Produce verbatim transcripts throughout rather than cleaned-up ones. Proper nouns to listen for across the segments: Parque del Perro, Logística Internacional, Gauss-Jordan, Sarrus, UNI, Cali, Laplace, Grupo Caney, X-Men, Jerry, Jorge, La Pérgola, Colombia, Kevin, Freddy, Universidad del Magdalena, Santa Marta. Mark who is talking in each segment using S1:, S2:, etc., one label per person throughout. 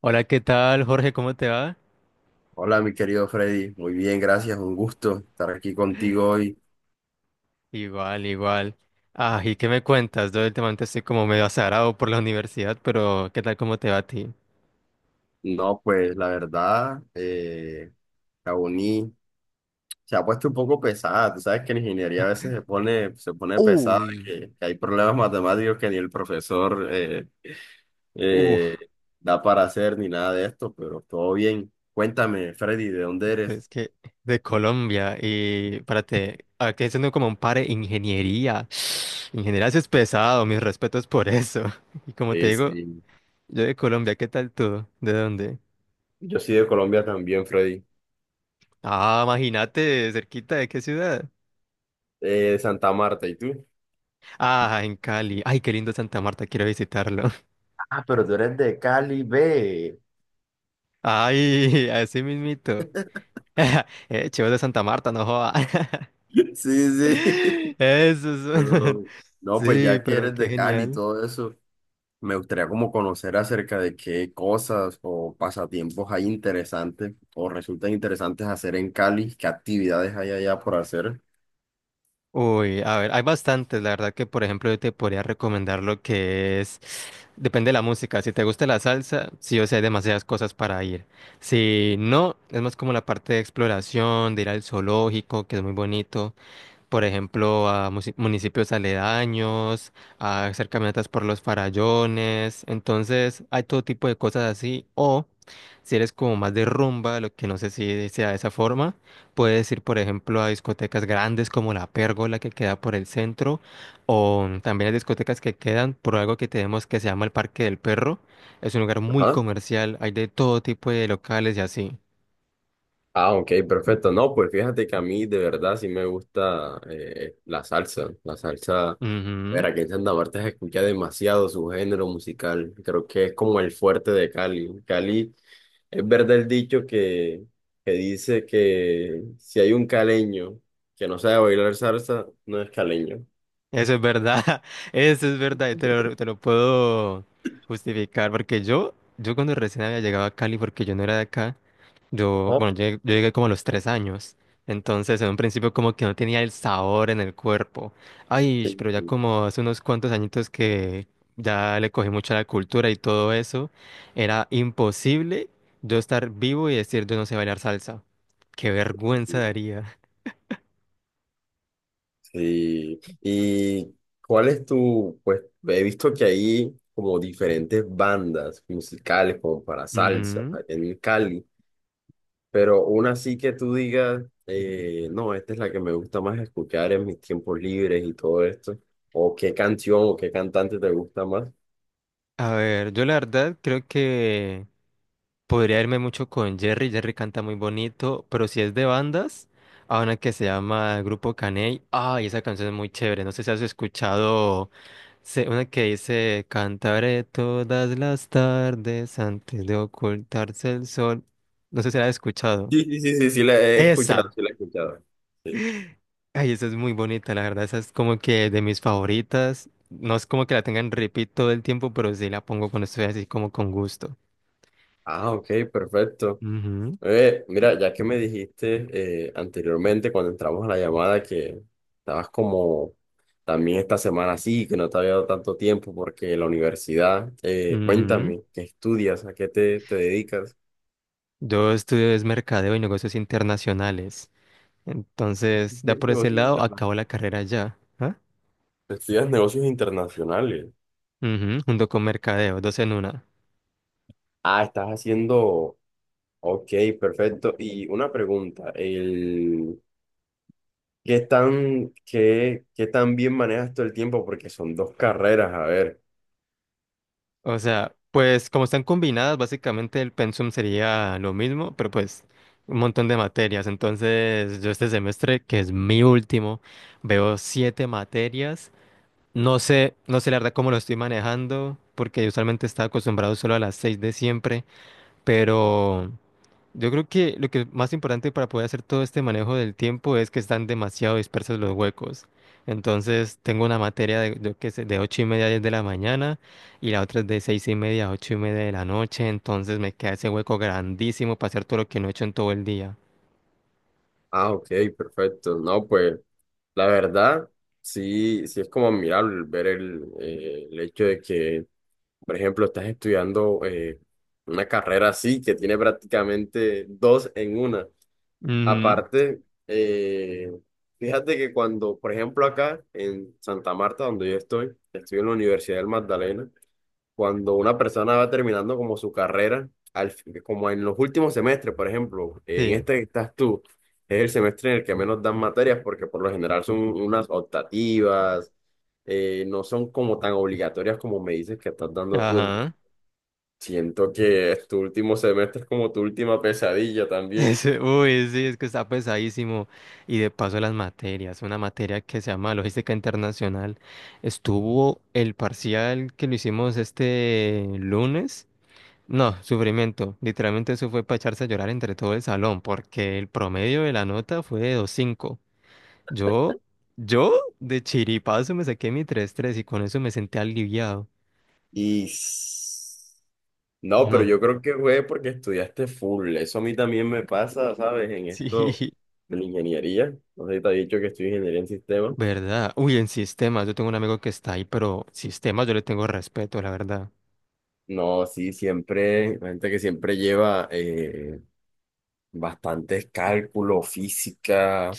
S1: Hola, ¿qué tal, Jorge? ¿Cómo te va?
S2: Hola, mi querido Freddy. Muy bien, gracias. Un gusto estar aquí contigo hoy.
S1: Igual, igual. Ah, ¿y qué me cuentas? Yo últimamente estoy como medio azarado por la universidad, pero ¿qué tal cómo te va a ti?
S2: No, pues la verdad, eh, la uni se ha puesto un poco pesada. Tú sabes que la ingeniería a veces se pone, se pone pesada,
S1: Uy.
S2: que, que hay problemas matemáticos que ni el profesor eh,
S1: Uf.
S2: eh, da para hacer ni nada de esto, pero todo bien. Cuéntame, Freddy, ¿de dónde eres?
S1: Es que de Colombia y párate, aquí haciendo como un par de ingeniería. Ingeniería sí es pesado, mis respetos por eso. Y como te
S2: Sí,
S1: digo,
S2: sí.
S1: yo de Colombia, ¿qué tal tú? ¿De dónde?
S2: Yo soy de Colombia también, Freddy.
S1: Ah, imagínate, cerquita de qué ciudad.
S2: Eh, de Santa Marta, ¿y tú?
S1: Ah, en Cali. Ay, qué lindo Santa Marta, quiero visitarlo.
S2: Ah, pero tú eres de Cali, ve.
S1: Ay, así mismito. Eh, chivo de Santa Marta, no joda.
S2: Sí, sí.
S1: Eso son.
S2: Pero, no, pues
S1: Sí,
S2: ya que
S1: pero
S2: eres
S1: qué
S2: de Cali y
S1: genial.
S2: todo eso, me gustaría como conocer acerca de qué cosas o pasatiempos hay interesantes o resultan interesantes hacer en Cali, qué actividades hay allá por hacer.
S1: Uy, a ver, hay bastantes. La verdad que, por ejemplo, yo te podría recomendar lo que es. Depende de la música. Si te gusta la salsa, sí o sí hay demasiadas cosas para ir. Si no, es más como la parte de exploración, de ir al zoológico, que es muy bonito. Por ejemplo, a musi- municipios aledaños, a hacer caminatas por los farallones. Entonces, hay todo tipo de cosas así. O si eres como más de rumba, lo que no sé si sea de esa forma, puedes ir, por ejemplo, a discotecas grandes como La Pérgola que queda por el centro, o también hay discotecas que quedan por algo que tenemos que se llama el Parque del Perro. Es un lugar muy
S2: Ajá.
S1: comercial, hay de todo tipo de locales y así.
S2: Ah, ok, perfecto. No, pues fíjate que a mí de verdad sí me gusta eh, la salsa. La salsa, ver,
S1: Ujú.
S2: aquí en Santa Marta se escucha demasiado su género musical. Creo que es como el fuerte de Cali. Cali. Es verdad el dicho que, que dice que si hay un caleño que no sabe bailar salsa, no es caleño.
S1: Eso es verdad, eso es verdad, y te lo, te lo puedo justificar, porque yo, yo cuando recién había llegado a Cali, porque yo no era de acá, yo,
S2: Ajá.
S1: bueno, llegué- yo llegué como a los tres años, entonces en un principio como que no tenía el sabor en el cuerpo, ay,
S2: Sí,
S1: pero ya como hace unos cuantos añitos que ya le cogí mucho a la cultura y todo eso, era imposible yo estar vivo y decir yo no sé bailar salsa, qué vergüenza daría.
S2: sí. ¿Y cuál es tu, pues he visto que hay como diferentes bandas musicales como para salsa
S1: Ujú.
S2: en Cali, pero una sí que tú digas, eh, no, esta es la que me gusta más escuchar en mis tiempos libres y todo esto, o qué canción o qué cantante te gusta más?
S1: A ver, yo la verdad creo que... Podría irme mucho con Jerry, Jerry canta muy bonito, pero si es de bandas, a una que se llama Grupo Caney, ay, esa canción es muy chévere, no sé si has escuchado se- una que dice, cantaré todas las tardes antes de ocultarse el sol, no sé si la has escuchado.
S2: Sí, sí, sí, sí, sí, la he escuchado,
S1: Esa,
S2: sí, la he escuchado. Sí.
S1: ay, esa es muy bonita, la verdad, esa es como que de mis favoritas, no es como que la tengan repeat todo el tiempo, pero sí la pongo cuando estoy así como con gusto.
S2: Ah, ok, perfecto.
S1: Ujú,
S2: Eh, mira, ya que me dijiste eh, anteriormente cuando entramos a la llamada que estabas como también esta semana así, que no te había dado tanto tiempo porque la universidad, eh,
S1: ujú.
S2: cuéntame, ¿qué estudias? ¿A qué te, te dedicas?
S1: Yo estudio es mercadeo y negocios internacionales. Entonces, da
S2: Estudias
S1: por ese
S2: negocios
S1: lado,
S2: internacionales.
S1: acabo la carrera ya. ¿Ah?
S2: Estudias negocios internacionales.
S1: Ujú, junto con mercadeo, dos en una.
S2: Ah, estás haciendo, ok, perfecto. Y una pregunta, ¿Qué tan, qué, qué tan bien manejas todo el tiempo? Porque son dos carreras, a ver.
S1: O sea, pues como están combinadas, básicamente el pensum sería lo mismo, pero pues un montón de materias. Entonces, yo este semestre, que es mi último, veo siete materias. No sé, no sé la verdad cómo lo estoy manejando, porque yo usualmente estaba acostumbrado solo a las seis de siempre, pero... Yo creo que lo que es más importante para poder hacer todo este manejo del tiempo es que están demasiado dispersos los huecos. Entonces, tengo una materia de, yo qué sé, de ocho y media a diez de la mañana y la otra es de seis y media a ocho y media de la noche. Entonces, me queda ese hueco grandísimo para hacer todo lo que no he hecho en todo el día.
S2: Ah, ok, perfecto. No, pues la verdad, sí, sí es como admirable el ver el, eh, el hecho de que, por ejemplo, estás estudiando eh, una carrera así, que tiene prácticamente dos en una.
S1: Ujú.
S2: Aparte, eh, fíjate que cuando, por ejemplo, acá en Santa Marta, donde yo estoy, estoy en la Universidad del Magdalena. Cuando una persona va terminando como su carrera, al, fin- como en los últimos semestres, por ejemplo, en
S1: Sí,
S2: este que estás tú, es el semestre en el que menos dan materias porque por lo general son unas optativas, eh, no son como tan obligatorias como me dices que estás dando tú.
S1: ajá.
S2: Siento que es tu último semestre, es como tu última pesadilla también.
S1: Ese- uy, sí, es que está pesadísimo. Y de paso las materias, una materia que se llama Logística Internacional. Estuvo el parcial que lo hicimos este lunes. No, sufrimiento. Literalmente eso fue para echarse a llorar entre todo el salón, porque el promedio de la nota fue de dos cinco. Yo, yo de chiripazo me saqué mi tres tres y con eso me senté aliviado.
S2: Y s- no, pero
S1: No,
S2: yo creo que fue porque estudiaste full. Eso a mí también me pasa, ¿sabes? En
S1: sí,
S2: esto de la ingeniería. No sé si te ha dicho que estoy ingeniería en sistemas.
S1: verdad. Uy, en sistemas, yo tengo un amigo que está ahí, pero sistemas yo le tengo respeto, la verdad.
S2: No, sí, siempre, la gente que siempre lleva eh, bastantes cálculos, física,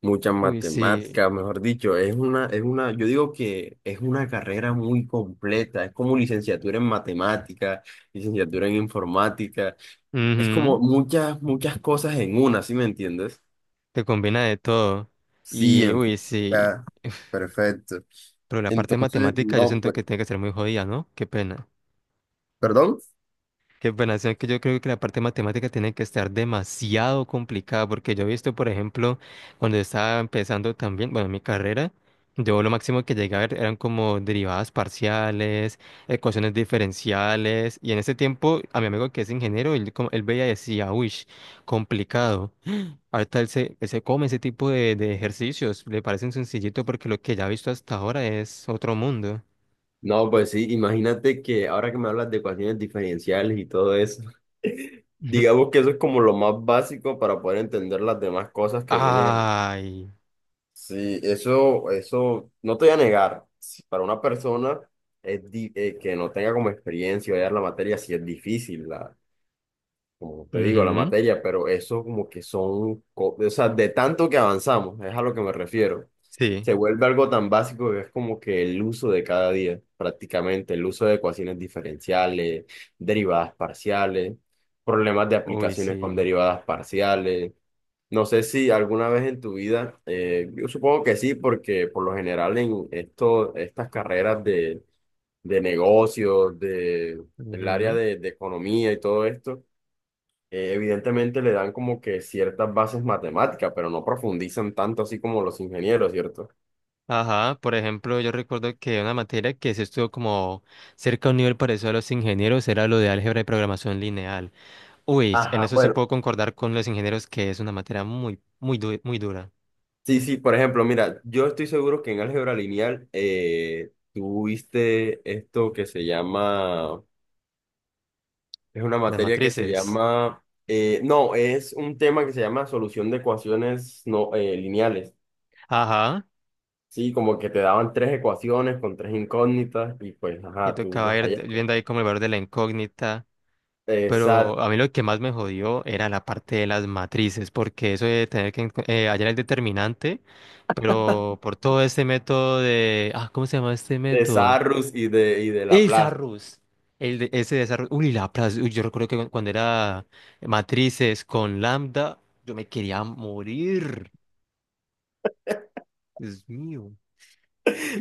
S2: muchas
S1: Uy, sí.
S2: matemáticas, mejor dicho, es una, es una, yo digo que es una carrera muy completa, es como licenciatura en matemáticas, licenciatura en informática, es como
S1: Ujú.
S2: muchas, muchas cosas en una, ¿sí me entiendes?
S1: Te combina de todo.
S2: Sí,
S1: Y,
S2: en
S1: uy, sí.
S2: física. Perfecto.
S1: Pero la parte
S2: Entonces,
S1: matemática yo
S2: no,
S1: siento
S2: pues,
S1: que tiene que ser muy jodida, ¿no? Qué pena.
S2: perdón.
S1: Qué pena, o sea, que yo creo que la parte matemática tiene que estar demasiado complicada, porque yo he visto, por ejemplo, cuando estaba empezando también, bueno, mi carrera, yo lo máximo que llegué a ver eran como derivadas parciales, ecuaciones diferenciales, y en ese tiempo a mi amigo que es ingeniero, él, como- él veía y decía, uy, complicado. Ahorita él se, él se come ese tipo de, de ejercicios, le parecen sencillito porque lo que ya ha visto hasta ahora es otro mundo.
S2: No, pues sí, imagínate que ahora que me hablas de ecuaciones diferenciales y todo eso, digamos que eso es como lo más básico para poder entender las demás cosas que vienen.
S1: Ay.
S2: Sí, eso, eso, no te voy a negar, si para una persona es di- eh, que no tenga como experiencia o ya la materia, sí es difícil, la. Como te digo, la
S1: Ujú.
S2: materia, pero eso como que son, co- o sea, de tanto que avanzamos, es a lo que me refiero.
S1: Sí.
S2: Se vuelve algo tan básico que es como que el uso de cada día, prácticamente, el uso de ecuaciones diferenciales, derivadas parciales, problemas de
S1: Uy,
S2: aplicaciones con
S1: sí.
S2: derivadas parciales. No sé si alguna vez en tu vida, eh, yo supongo que sí, porque por lo general en esto, estas carreras de, de negocios, de, el área
S1: Ujú.
S2: de de economía y todo esto, eh, evidentemente le dan como que ciertas bases matemáticas, pero no profundizan tanto así como los ingenieros, ¿cierto?
S1: Ajá, por ejemplo, yo recuerdo que una materia que se estuvo como cerca a un nivel parecido a los ingenieros era lo de álgebra y programación lineal. Uy, en
S2: Ajá,
S1: eso sí
S2: bueno,
S1: puedo concordar con los ingenieros que es una materia muy, muy, du- muy dura.
S2: sí, sí, por ejemplo, mira, yo estoy seguro que en álgebra lineal eh, tú viste esto que se llama, es una
S1: Las
S2: materia que se
S1: matrices.
S2: llama, eh, no, es un tema que se llama solución de ecuaciones no, eh, lineales.
S1: Ajá,
S2: Sí, como que te daban tres ecuaciones con tres incógnitas y pues,
S1: y
S2: ajá, tú
S1: tocaba
S2: las
S1: ir
S2: hallas.
S1: viendo ahí como el valor de la incógnita.
S2: Exacto,
S1: Pero a mí lo que más me jodió era la parte de las matrices, porque eso de tener que enco- eh, hallar el determinante, pero por todo este método de... Ah, ¿cómo se llama este
S2: de
S1: método?
S2: Sarrus y de, y de
S1: Es
S2: Laplace.
S1: arroz. El de, ese de esa arroz. Uy, la plaza. Uy, yo recuerdo que cu- cuando era matrices con Lambda, yo me quería morir. Dios mío.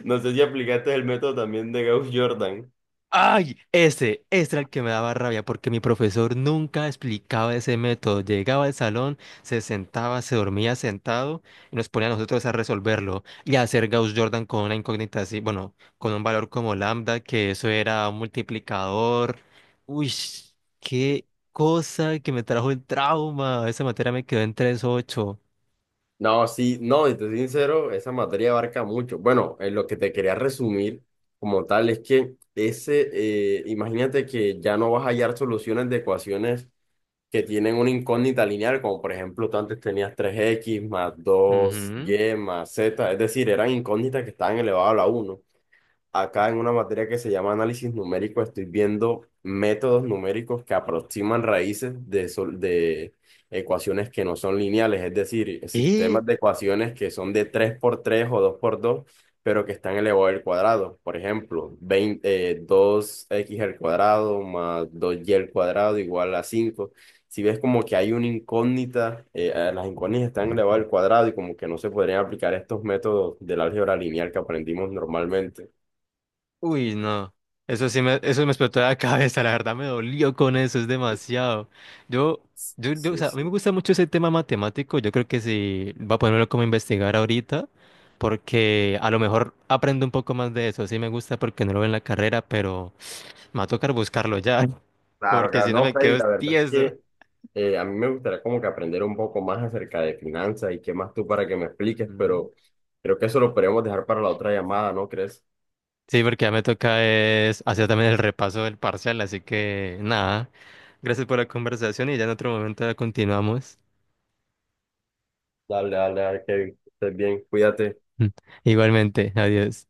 S2: No sé si aplicaste el método también de Gauss-Jordan.
S1: Ay, ese, ese era el que me daba rabia porque mi profesor nunca explicaba ese método. Llegaba al salón, se sentaba, se dormía sentado y nos ponía a nosotros a resolverlo y a hacer Gauss-Jordan con una incógnita así, bueno, con un valor como lambda, que eso era un multiplicador. Uy, qué cosa que me trajo el trauma. Esa materia me quedó en tres ocho.
S2: No, sí, no, y te soy sincero, esa materia abarca mucho. Bueno, en lo que te quería resumir como tal es que ese, eh, imagínate que ya no vas a hallar soluciones de ecuaciones que tienen una incógnita lineal, como por ejemplo tú antes tenías tres x más dos
S1: Ujú.
S2: y más z, es decir, eran incógnitas que estaban elevadas a la uno. Acá en una materia que se llama análisis numérico, estoy viendo métodos numéricos que aproximan raíces de, sol- de ecuaciones que no son lineales, es decir, sistemas de ecuaciones que son de tres por tres o dos por dos pero que están elevado al cuadrado. Por ejemplo, veinte eh, dos x al cuadrado más dos y al cuadrado igual a cinco. Si ves como que hay una incógnita, eh, eh, las incógnitas están elevadas al cuadrado y como que no se podrían aplicar estos métodos del álgebra lineal que aprendimos normalmente.
S1: Uy, no. Eso sí me, eso me explotó la cabeza, la verdad me dolió con eso, es demasiado. Yo, yo, yo, o
S2: Sí,
S1: sea, a mí me
S2: sí.
S1: gusta mucho ese tema matemático, yo creo que sí, va a ponerlo como a investigar ahorita, porque a lo mejor aprendo un poco más de eso, sí me gusta porque no lo veo en la carrera, pero me va a tocar buscarlo ya,
S2: Claro,
S1: porque
S2: claro.
S1: si no
S2: No,
S1: me
S2: Freddy,
S1: quedo
S2: la verdad es
S1: tieso.
S2: que eh, a mí me gustaría como que aprender un poco más acerca de finanzas y qué más tú para que me expliques,
S1: Ujú.
S2: pero creo que eso lo podemos dejar para la otra llamada, ¿no crees?
S1: Sí, porque ya me toca es hacer también el repaso del parcial, así que nada, gracias por la conversación y ya en otro momento la continuamos.
S2: Dale, dale, dale, Kevin. Que estés bien, cuídate.
S1: Igualmente, adiós.